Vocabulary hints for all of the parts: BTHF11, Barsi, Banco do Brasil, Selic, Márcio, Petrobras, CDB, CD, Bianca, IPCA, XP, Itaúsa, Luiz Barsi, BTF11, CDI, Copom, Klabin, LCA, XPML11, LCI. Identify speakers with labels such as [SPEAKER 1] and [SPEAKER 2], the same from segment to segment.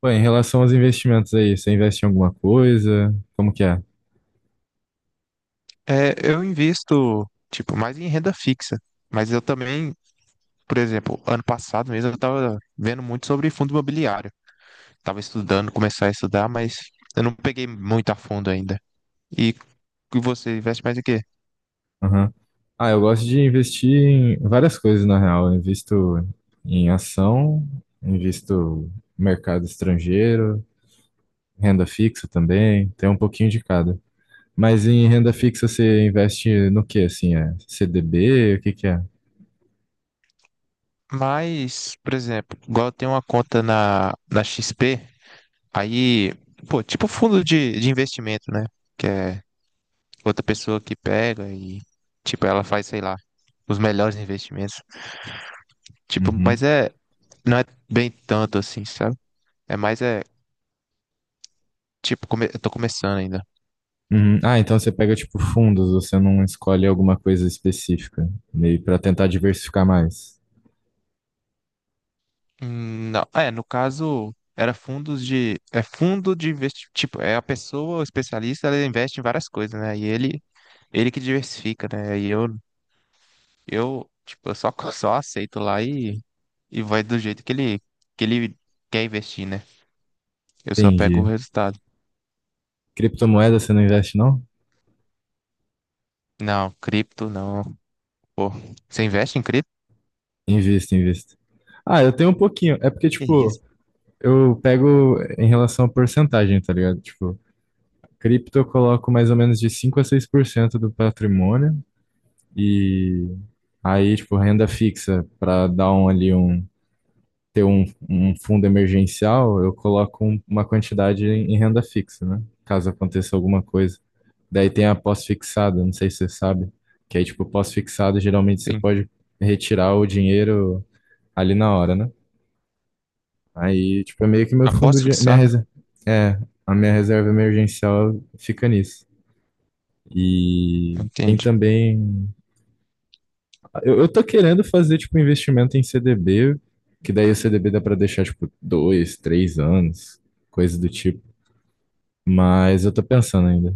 [SPEAKER 1] Pô, em relação aos investimentos aí, você investe em alguma coisa? Como que é?
[SPEAKER 2] É, eu invisto, tipo, mais em renda fixa. Mas eu também, por exemplo, ano passado mesmo eu tava vendo muito sobre fundo imobiliário. Tava estudando, começar a estudar, mas eu não peguei muito a fundo ainda. E e você investe mais em quê?
[SPEAKER 1] Aham. Ah, eu gosto de investir em várias coisas, na real. Eu invisto em ação, invisto em mercado estrangeiro, renda fixa também, tem um pouquinho de cada. Mas em renda fixa você investe no que assim? É CDB? O que que é?
[SPEAKER 2] Mas, por exemplo, igual eu tenho uma conta na XP, aí, pô, tipo fundo de investimento, né? Que é outra pessoa que pega e, tipo, ela faz, sei lá, os melhores investimentos. Tipo,
[SPEAKER 1] Uhum.
[SPEAKER 2] mas é. Não é bem tanto assim, sabe? É mais é. Tipo, eu tô começando ainda.
[SPEAKER 1] Uhum. Ah, então você pega tipo fundos, você não escolhe alguma coisa específica, meio para tentar diversificar mais.
[SPEAKER 2] Não, é, no caso, era fundos de. É fundo de investimento. Tipo, é a pessoa, o especialista, ela investe em várias coisas, né? E ele que diversifica, né? E eu, tipo, eu só, só aceito lá e vai do jeito que ele quer investir, né? Eu só pego o
[SPEAKER 1] Entendi.
[SPEAKER 2] resultado.
[SPEAKER 1] Criptomoeda você não investe, não?
[SPEAKER 2] Não, cripto não. Pô, você investe em cripto?
[SPEAKER 1] Invisto, invisto. Ah, eu tenho um pouquinho. É porque,
[SPEAKER 2] Que
[SPEAKER 1] tipo,
[SPEAKER 2] isso?
[SPEAKER 1] eu pego em relação à porcentagem, tá ligado? Tipo, cripto eu coloco mais ou menos de 5 a 6% do patrimônio. E aí, tipo, renda fixa, pra dar um ali um. Ter um fundo emergencial, eu coloco uma quantidade em renda fixa, né? Caso aconteça alguma coisa. Daí tem a pós-fixada, não sei se você sabe. Que aí, tipo, pós-fixada, geralmente você
[SPEAKER 2] Sim.
[SPEAKER 1] pode retirar o dinheiro ali na hora, né? Aí, tipo, é meio que meu fundo
[SPEAKER 2] Aposta
[SPEAKER 1] de. Minha
[SPEAKER 2] fixada?
[SPEAKER 1] reserva. É, a minha reserva emergencial fica nisso. E tem
[SPEAKER 2] Entendi.
[SPEAKER 1] também. Eu tô querendo fazer, tipo, investimento em CDB, que daí o CDB dá pra deixar, tipo, 2, 3 anos, coisa do tipo. Mas eu tô pensando ainda.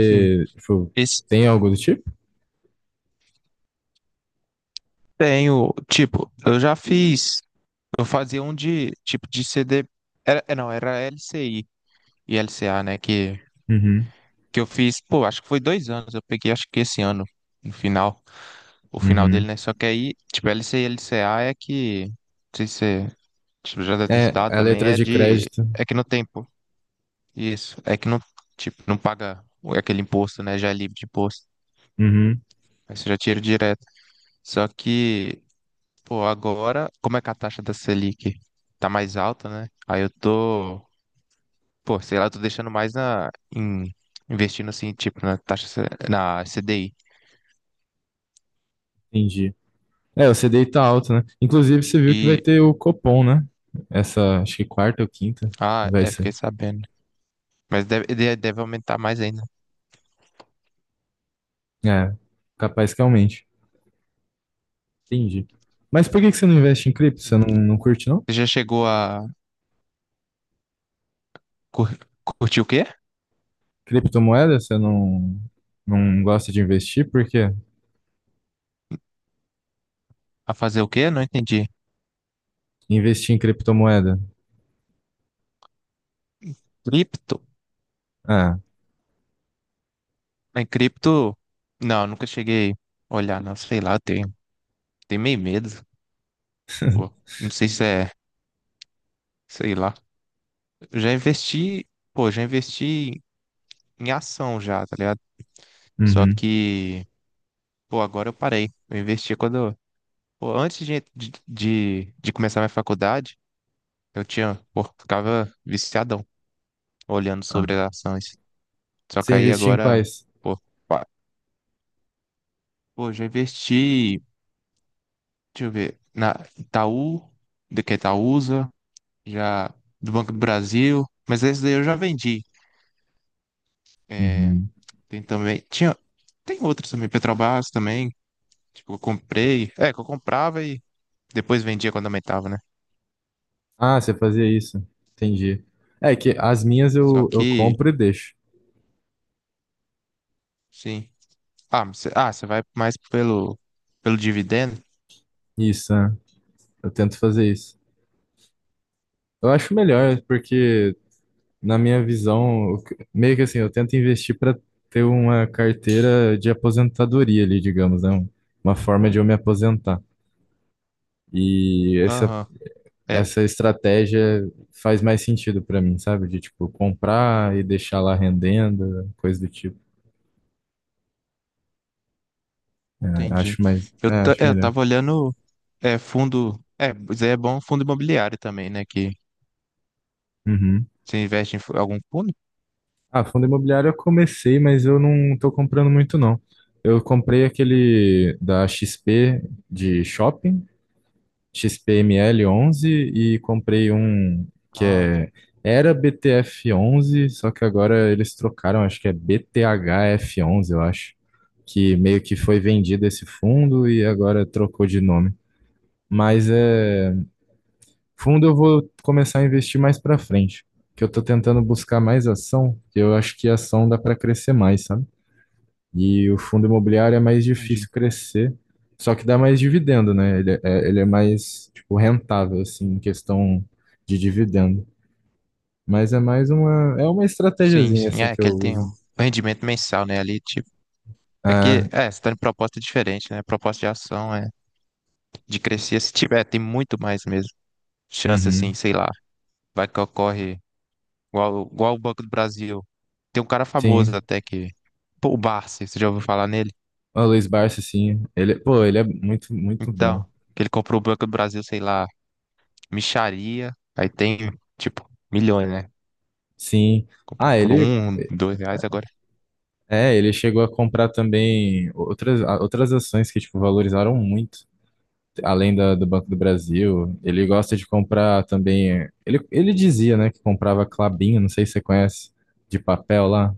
[SPEAKER 2] Sim.
[SPEAKER 1] tipo,
[SPEAKER 2] Esse
[SPEAKER 1] tem algo do tipo?
[SPEAKER 2] tenho, tipo, eu já fiz, eu fazia um de, tipo, de CD, era, é, não, era LCI e LCA, né, que,
[SPEAKER 1] Uhum,
[SPEAKER 2] que eu fiz, pô, acho que foi 2 anos, eu peguei, acho que esse ano, no final, o final
[SPEAKER 1] uhum.
[SPEAKER 2] dele, né, só que aí, tipo, LCI e LCA é que, não sei se você, tipo, já deve ter
[SPEAKER 1] É,
[SPEAKER 2] estudado
[SPEAKER 1] a
[SPEAKER 2] também,
[SPEAKER 1] letra
[SPEAKER 2] é
[SPEAKER 1] de
[SPEAKER 2] de,
[SPEAKER 1] crédito.
[SPEAKER 2] é que não tem, pô, isso, é que não, tipo, não paga aquele imposto, né, já é livre de imposto,
[SPEAKER 1] Uhum,
[SPEAKER 2] aí você já tira direto, só que. Pô, agora, como é que a taxa da Selic tá mais alta, né? Aí eu tô, pô, sei lá, eu tô deixando mais na, em- investindo assim, tipo, na taxa, na CDI.
[SPEAKER 1] entendi. É, o C CDI tá alto, né? Inclusive, você viu que vai
[SPEAKER 2] E,
[SPEAKER 1] ter o Copom, né? Essa, acho que quarta ou quinta
[SPEAKER 2] ah,
[SPEAKER 1] vai
[SPEAKER 2] é,
[SPEAKER 1] ser.
[SPEAKER 2] fiquei sabendo. Mas deve, deve aumentar mais ainda.
[SPEAKER 1] É, capaz que aumente. Entendi. Mas por que que você não investe em cripto? Você
[SPEAKER 2] Sim.
[SPEAKER 1] não, não curte, não?
[SPEAKER 2] Você já chegou a cur- curtir o quê?
[SPEAKER 1] Criptomoeda? Você não, não gosta de investir? Por quê?
[SPEAKER 2] A fazer o quê? Não entendi.
[SPEAKER 1] Investir em criptomoeda?
[SPEAKER 2] Cripto?
[SPEAKER 1] Ah,
[SPEAKER 2] Em cripto, não, nunca cheguei a olhar, não, sei lá, eu tenho, meio medo, pô, não sei se é, sei lá. Eu já investi, pô, já investi em ação já, tá ligado? Só
[SPEAKER 1] uhum.
[SPEAKER 2] que, pô, agora eu parei. Eu investi quando. Pô, antes de começar minha faculdade, eu tinha, pô, ficava viciadão olhando
[SPEAKER 1] Ah.
[SPEAKER 2] sobre as ações. Só que
[SPEAKER 1] Você
[SPEAKER 2] aí
[SPEAKER 1] investia em
[SPEAKER 2] agora,
[SPEAKER 1] quais?
[SPEAKER 2] pô, pa- pô, já investi, deixa eu ver, na Itaú, de que é Itaúsa, já do Banco do Brasil, mas esse daí eu já vendi. É,
[SPEAKER 1] Uhum.
[SPEAKER 2] tem também, tinha, tem outros também, Petrobras também, tipo, eu comprei, é, que eu comprava. Depois vendia quando aumentava, né?
[SPEAKER 1] Ah, você fazia isso. Entendi. É que as minhas
[SPEAKER 2] Só
[SPEAKER 1] eu
[SPEAKER 2] que,
[SPEAKER 1] compro e deixo.
[SPEAKER 2] sim. Ah, você você vai mais pelo dividendo?
[SPEAKER 1] Isso, né? Eu tento fazer isso. Eu acho melhor, porque na minha visão, meio que assim, eu tento investir para ter uma carteira de aposentadoria ali, digamos, né? Uma forma de eu me aposentar. E essa,
[SPEAKER 2] Aham, é,
[SPEAKER 1] essa estratégia faz mais sentido para mim, sabe? De tipo comprar e deixar lá rendendo, coisa do tipo. É, acho
[SPEAKER 2] entendi.
[SPEAKER 1] mais,
[SPEAKER 2] Eu,
[SPEAKER 1] é,
[SPEAKER 2] ta-
[SPEAKER 1] acho
[SPEAKER 2] é, eu
[SPEAKER 1] melhor.
[SPEAKER 2] tava olhando é, fundo. É, mas aí é bom fundo imobiliário também, né? Que
[SPEAKER 1] Uhum.
[SPEAKER 2] você investe em algum fundo?
[SPEAKER 1] Ah, fundo imobiliário eu comecei, mas eu não tô comprando muito não. Eu comprei aquele da XP de shopping. XPML11 e comprei um que
[SPEAKER 2] Ah,
[SPEAKER 1] é era BTF11, só que agora eles trocaram, acho que é BTHF11, eu acho, que meio que foi vendido esse fundo e agora trocou de nome. Mas é fundo eu vou começar a investir mais para frente, que eu tô tentando buscar mais ação, que eu acho que a ação dá para crescer mais, sabe? E o fundo imobiliário é mais difícil
[SPEAKER 2] entendi.
[SPEAKER 1] crescer, só que dá mais dividendo, né? Ele é mais, tipo, rentável, assim, em questão de dividendo. Mas é mais uma, é uma
[SPEAKER 2] Sim,
[SPEAKER 1] estratégiazinha,
[SPEAKER 2] sim.
[SPEAKER 1] assim,
[SPEAKER 2] É,
[SPEAKER 1] que
[SPEAKER 2] que
[SPEAKER 1] eu
[SPEAKER 2] ele tem um
[SPEAKER 1] uso.
[SPEAKER 2] rendimento mensal, né? Ali, tipo. É
[SPEAKER 1] Ah,
[SPEAKER 2] que, é, você tá em proposta diferente, né? Proposta de ação é de crescer. Se tiver, tem muito mais mesmo. Chance, assim,
[SPEAKER 1] uhum,
[SPEAKER 2] sei lá. Vai que ocorre. Igual o Banco do Brasil. Tem um cara famoso
[SPEAKER 1] sim.
[SPEAKER 2] até que. Pô, o Barsi, você já ouviu falar nele?
[SPEAKER 1] O Luiz Barsi, sim. Ele, pô, ele é muito, muito bom.
[SPEAKER 2] Então, que ele comprou o Banco do Brasil, sei lá, mixaria. Aí tem, tipo, milhões, né?
[SPEAKER 1] Sim.
[SPEAKER 2] Comprou
[SPEAKER 1] Ah,
[SPEAKER 2] por
[SPEAKER 1] ele,
[SPEAKER 2] um, dois reais agora.
[SPEAKER 1] é, ele chegou a comprar também outras ações que, tipo, valorizaram muito. Além do Banco do Brasil, ele gosta de comprar também. Ele dizia, né, que comprava Klabin, não sei se você conhece, de papel lá.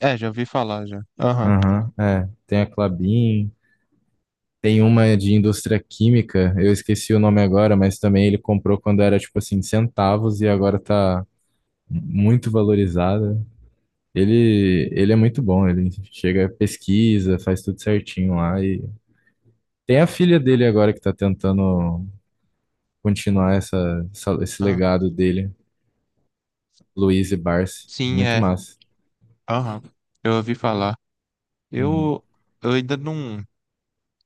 [SPEAKER 2] É, já ouvi falar já. Aham.
[SPEAKER 1] Aham, é. Tem a Klabin, tem uma de indústria química, eu esqueci o nome agora, mas também ele comprou quando era tipo assim, centavos e agora tá muito valorizada. Ele é muito bom, ele chega, pesquisa, faz tudo certinho lá e tem a filha dele agora que tá tentando continuar esse
[SPEAKER 2] Ah,
[SPEAKER 1] legado dele. Luiz e Barsi.
[SPEAKER 2] sim,
[SPEAKER 1] Muito
[SPEAKER 2] é.
[SPEAKER 1] massa.
[SPEAKER 2] Aham. Eu ouvi falar.
[SPEAKER 1] Uhum.
[SPEAKER 2] Eu, eu ainda não.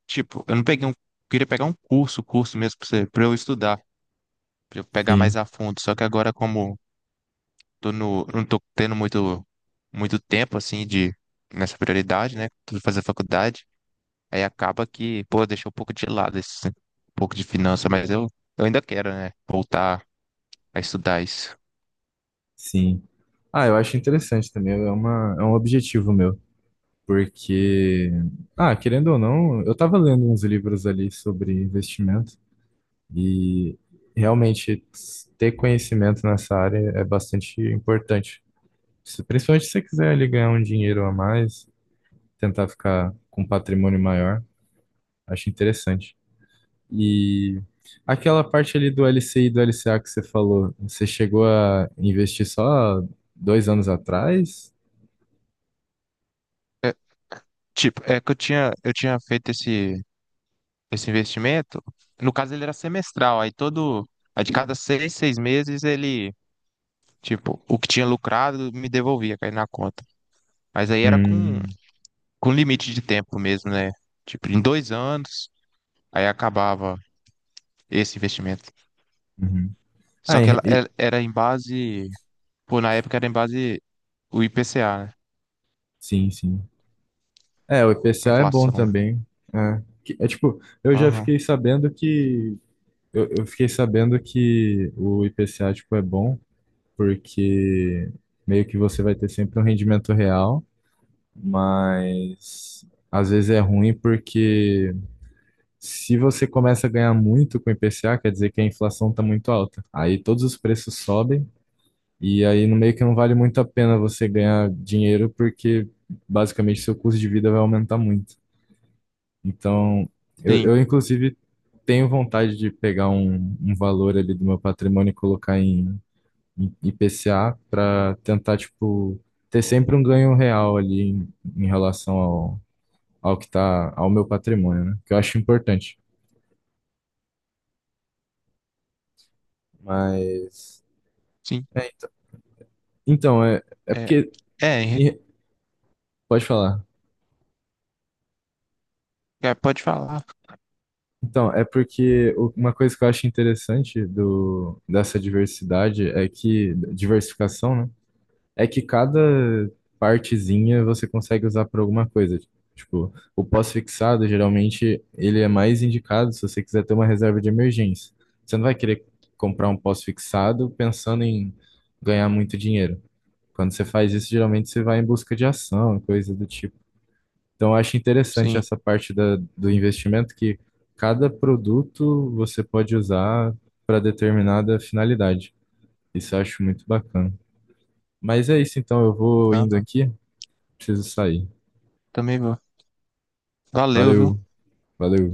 [SPEAKER 2] Tipo, eu não peguei um. Queria pegar um curso, curso mesmo pra você, pra eu estudar, pra eu pegar mais
[SPEAKER 1] Sim,
[SPEAKER 2] a fundo. Só que agora, como tô não tô tendo muito, muito tempo, assim, de, nessa prioridade, né? Tudo fazer faculdade. Aí acaba que, pô, deixou um pouco de lado esse, um pouco de finança, mas eu ainda quero, né? Voltar a estudar isso.
[SPEAKER 1] sim. Ah, eu acho interessante também. É um objetivo meu. Porque, ah, querendo ou não, eu estava lendo uns livros ali sobre investimento e realmente ter conhecimento nessa área é bastante importante. Principalmente se você quiser ali ganhar um dinheiro a mais, tentar ficar com um patrimônio maior, acho interessante. E aquela parte ali do LCI e do LCA que você falou, você chegou a investir só 2 anos atrás?
[SPEAKER 2] Tipo, é que eu tinha feito esse investimento. No caso, ele era semestral. Aí todo, aí de cada seis meses, ele, tipo, o que tinha lucrado me devolvia, caía na conta. Mas aí era com,
[SPEAKER 1] Hum,
[SPEAKER 2] com limite de tempo mesmo, né? Tipo, em 2 anos, aí acabava esse investimento.
[SPEAKER 1] uhum. Ah,
[SPEAKER 2] Só que era em base, pô, na época era em base o IPCA, né?
[SPEAKER 1] sim, sim. É, o
[SPEAKER 2] A
[SPEAKER 1] IPCA é bom
[SPEAKER 2] inflação, né?
[SPEAKER 1] também. É, é tipo, eu já
[SPEAKER 2] Aham.
[SPEAKER 1] fiquei sabendo que eu fiquei sabendo que o IPCA tipo é bom porque meio que você vai ter sempre um rendimento real, mas às vezes é ruim porque se você começa a ganhar muito com o IPCA, quer dizer que a inflação está muito alta. Aí todos os preços sobem e aí no meio que não vale muito a pena você ganhar dinheiro porque basicamente seu custo de vida vai aumentar muito. Então, eu,
[SPEAKER 2] Sim,
[SPEAKER 1] eu inclusive tenho vontade de pegar um valor ali do meu patrimônio e colocar em IPCA para tentar, tipo, ter sempre um ganho real ali em relação ao que tá, ao meu patrimônio, né? Que eu acho importante. Mas
[SPEAKER 2] sim.
[SPEAKER 1] é, então, é
[SPEAKER 2] É,
[SPEAKER 1] porque.
[SPEAKER 2] é,
[SPEAKER 1] e- Pode falar.
[SPEAKER 2] é, pode falar.
[SPEAKER 1] Então, é porque uma coisa que eu acho interessante dessa diversidade é que. Diversificação, né? É que cada partezinha você consegue usar para alguma coisa. Tipo, o pós-fixado, geralmente, ele é mais indicado se você quiser ter uma reserva de emergência. Você não vai querer comprar um pós-fixado pensando em ganhar muito dinheiro. Quando você faz isso, geralmente você vai em busca de ação, coisa do tipo. Então, eu acho interessante
[SPEAKER 2] Sim.
[SPEAKER 1] essa parte do investimento que cada produto você pode usar para determinada finalidade. Isso eu acho muito bacana. Mas é isso, então, eu vou indo
[SPEAKER 2] Aham.
[SPEAKER 1] aqui, preciso sair.
[SPEAKER 2] Também vou. Valeu, viu?
[SPEAKER 1] Valeu, valeu.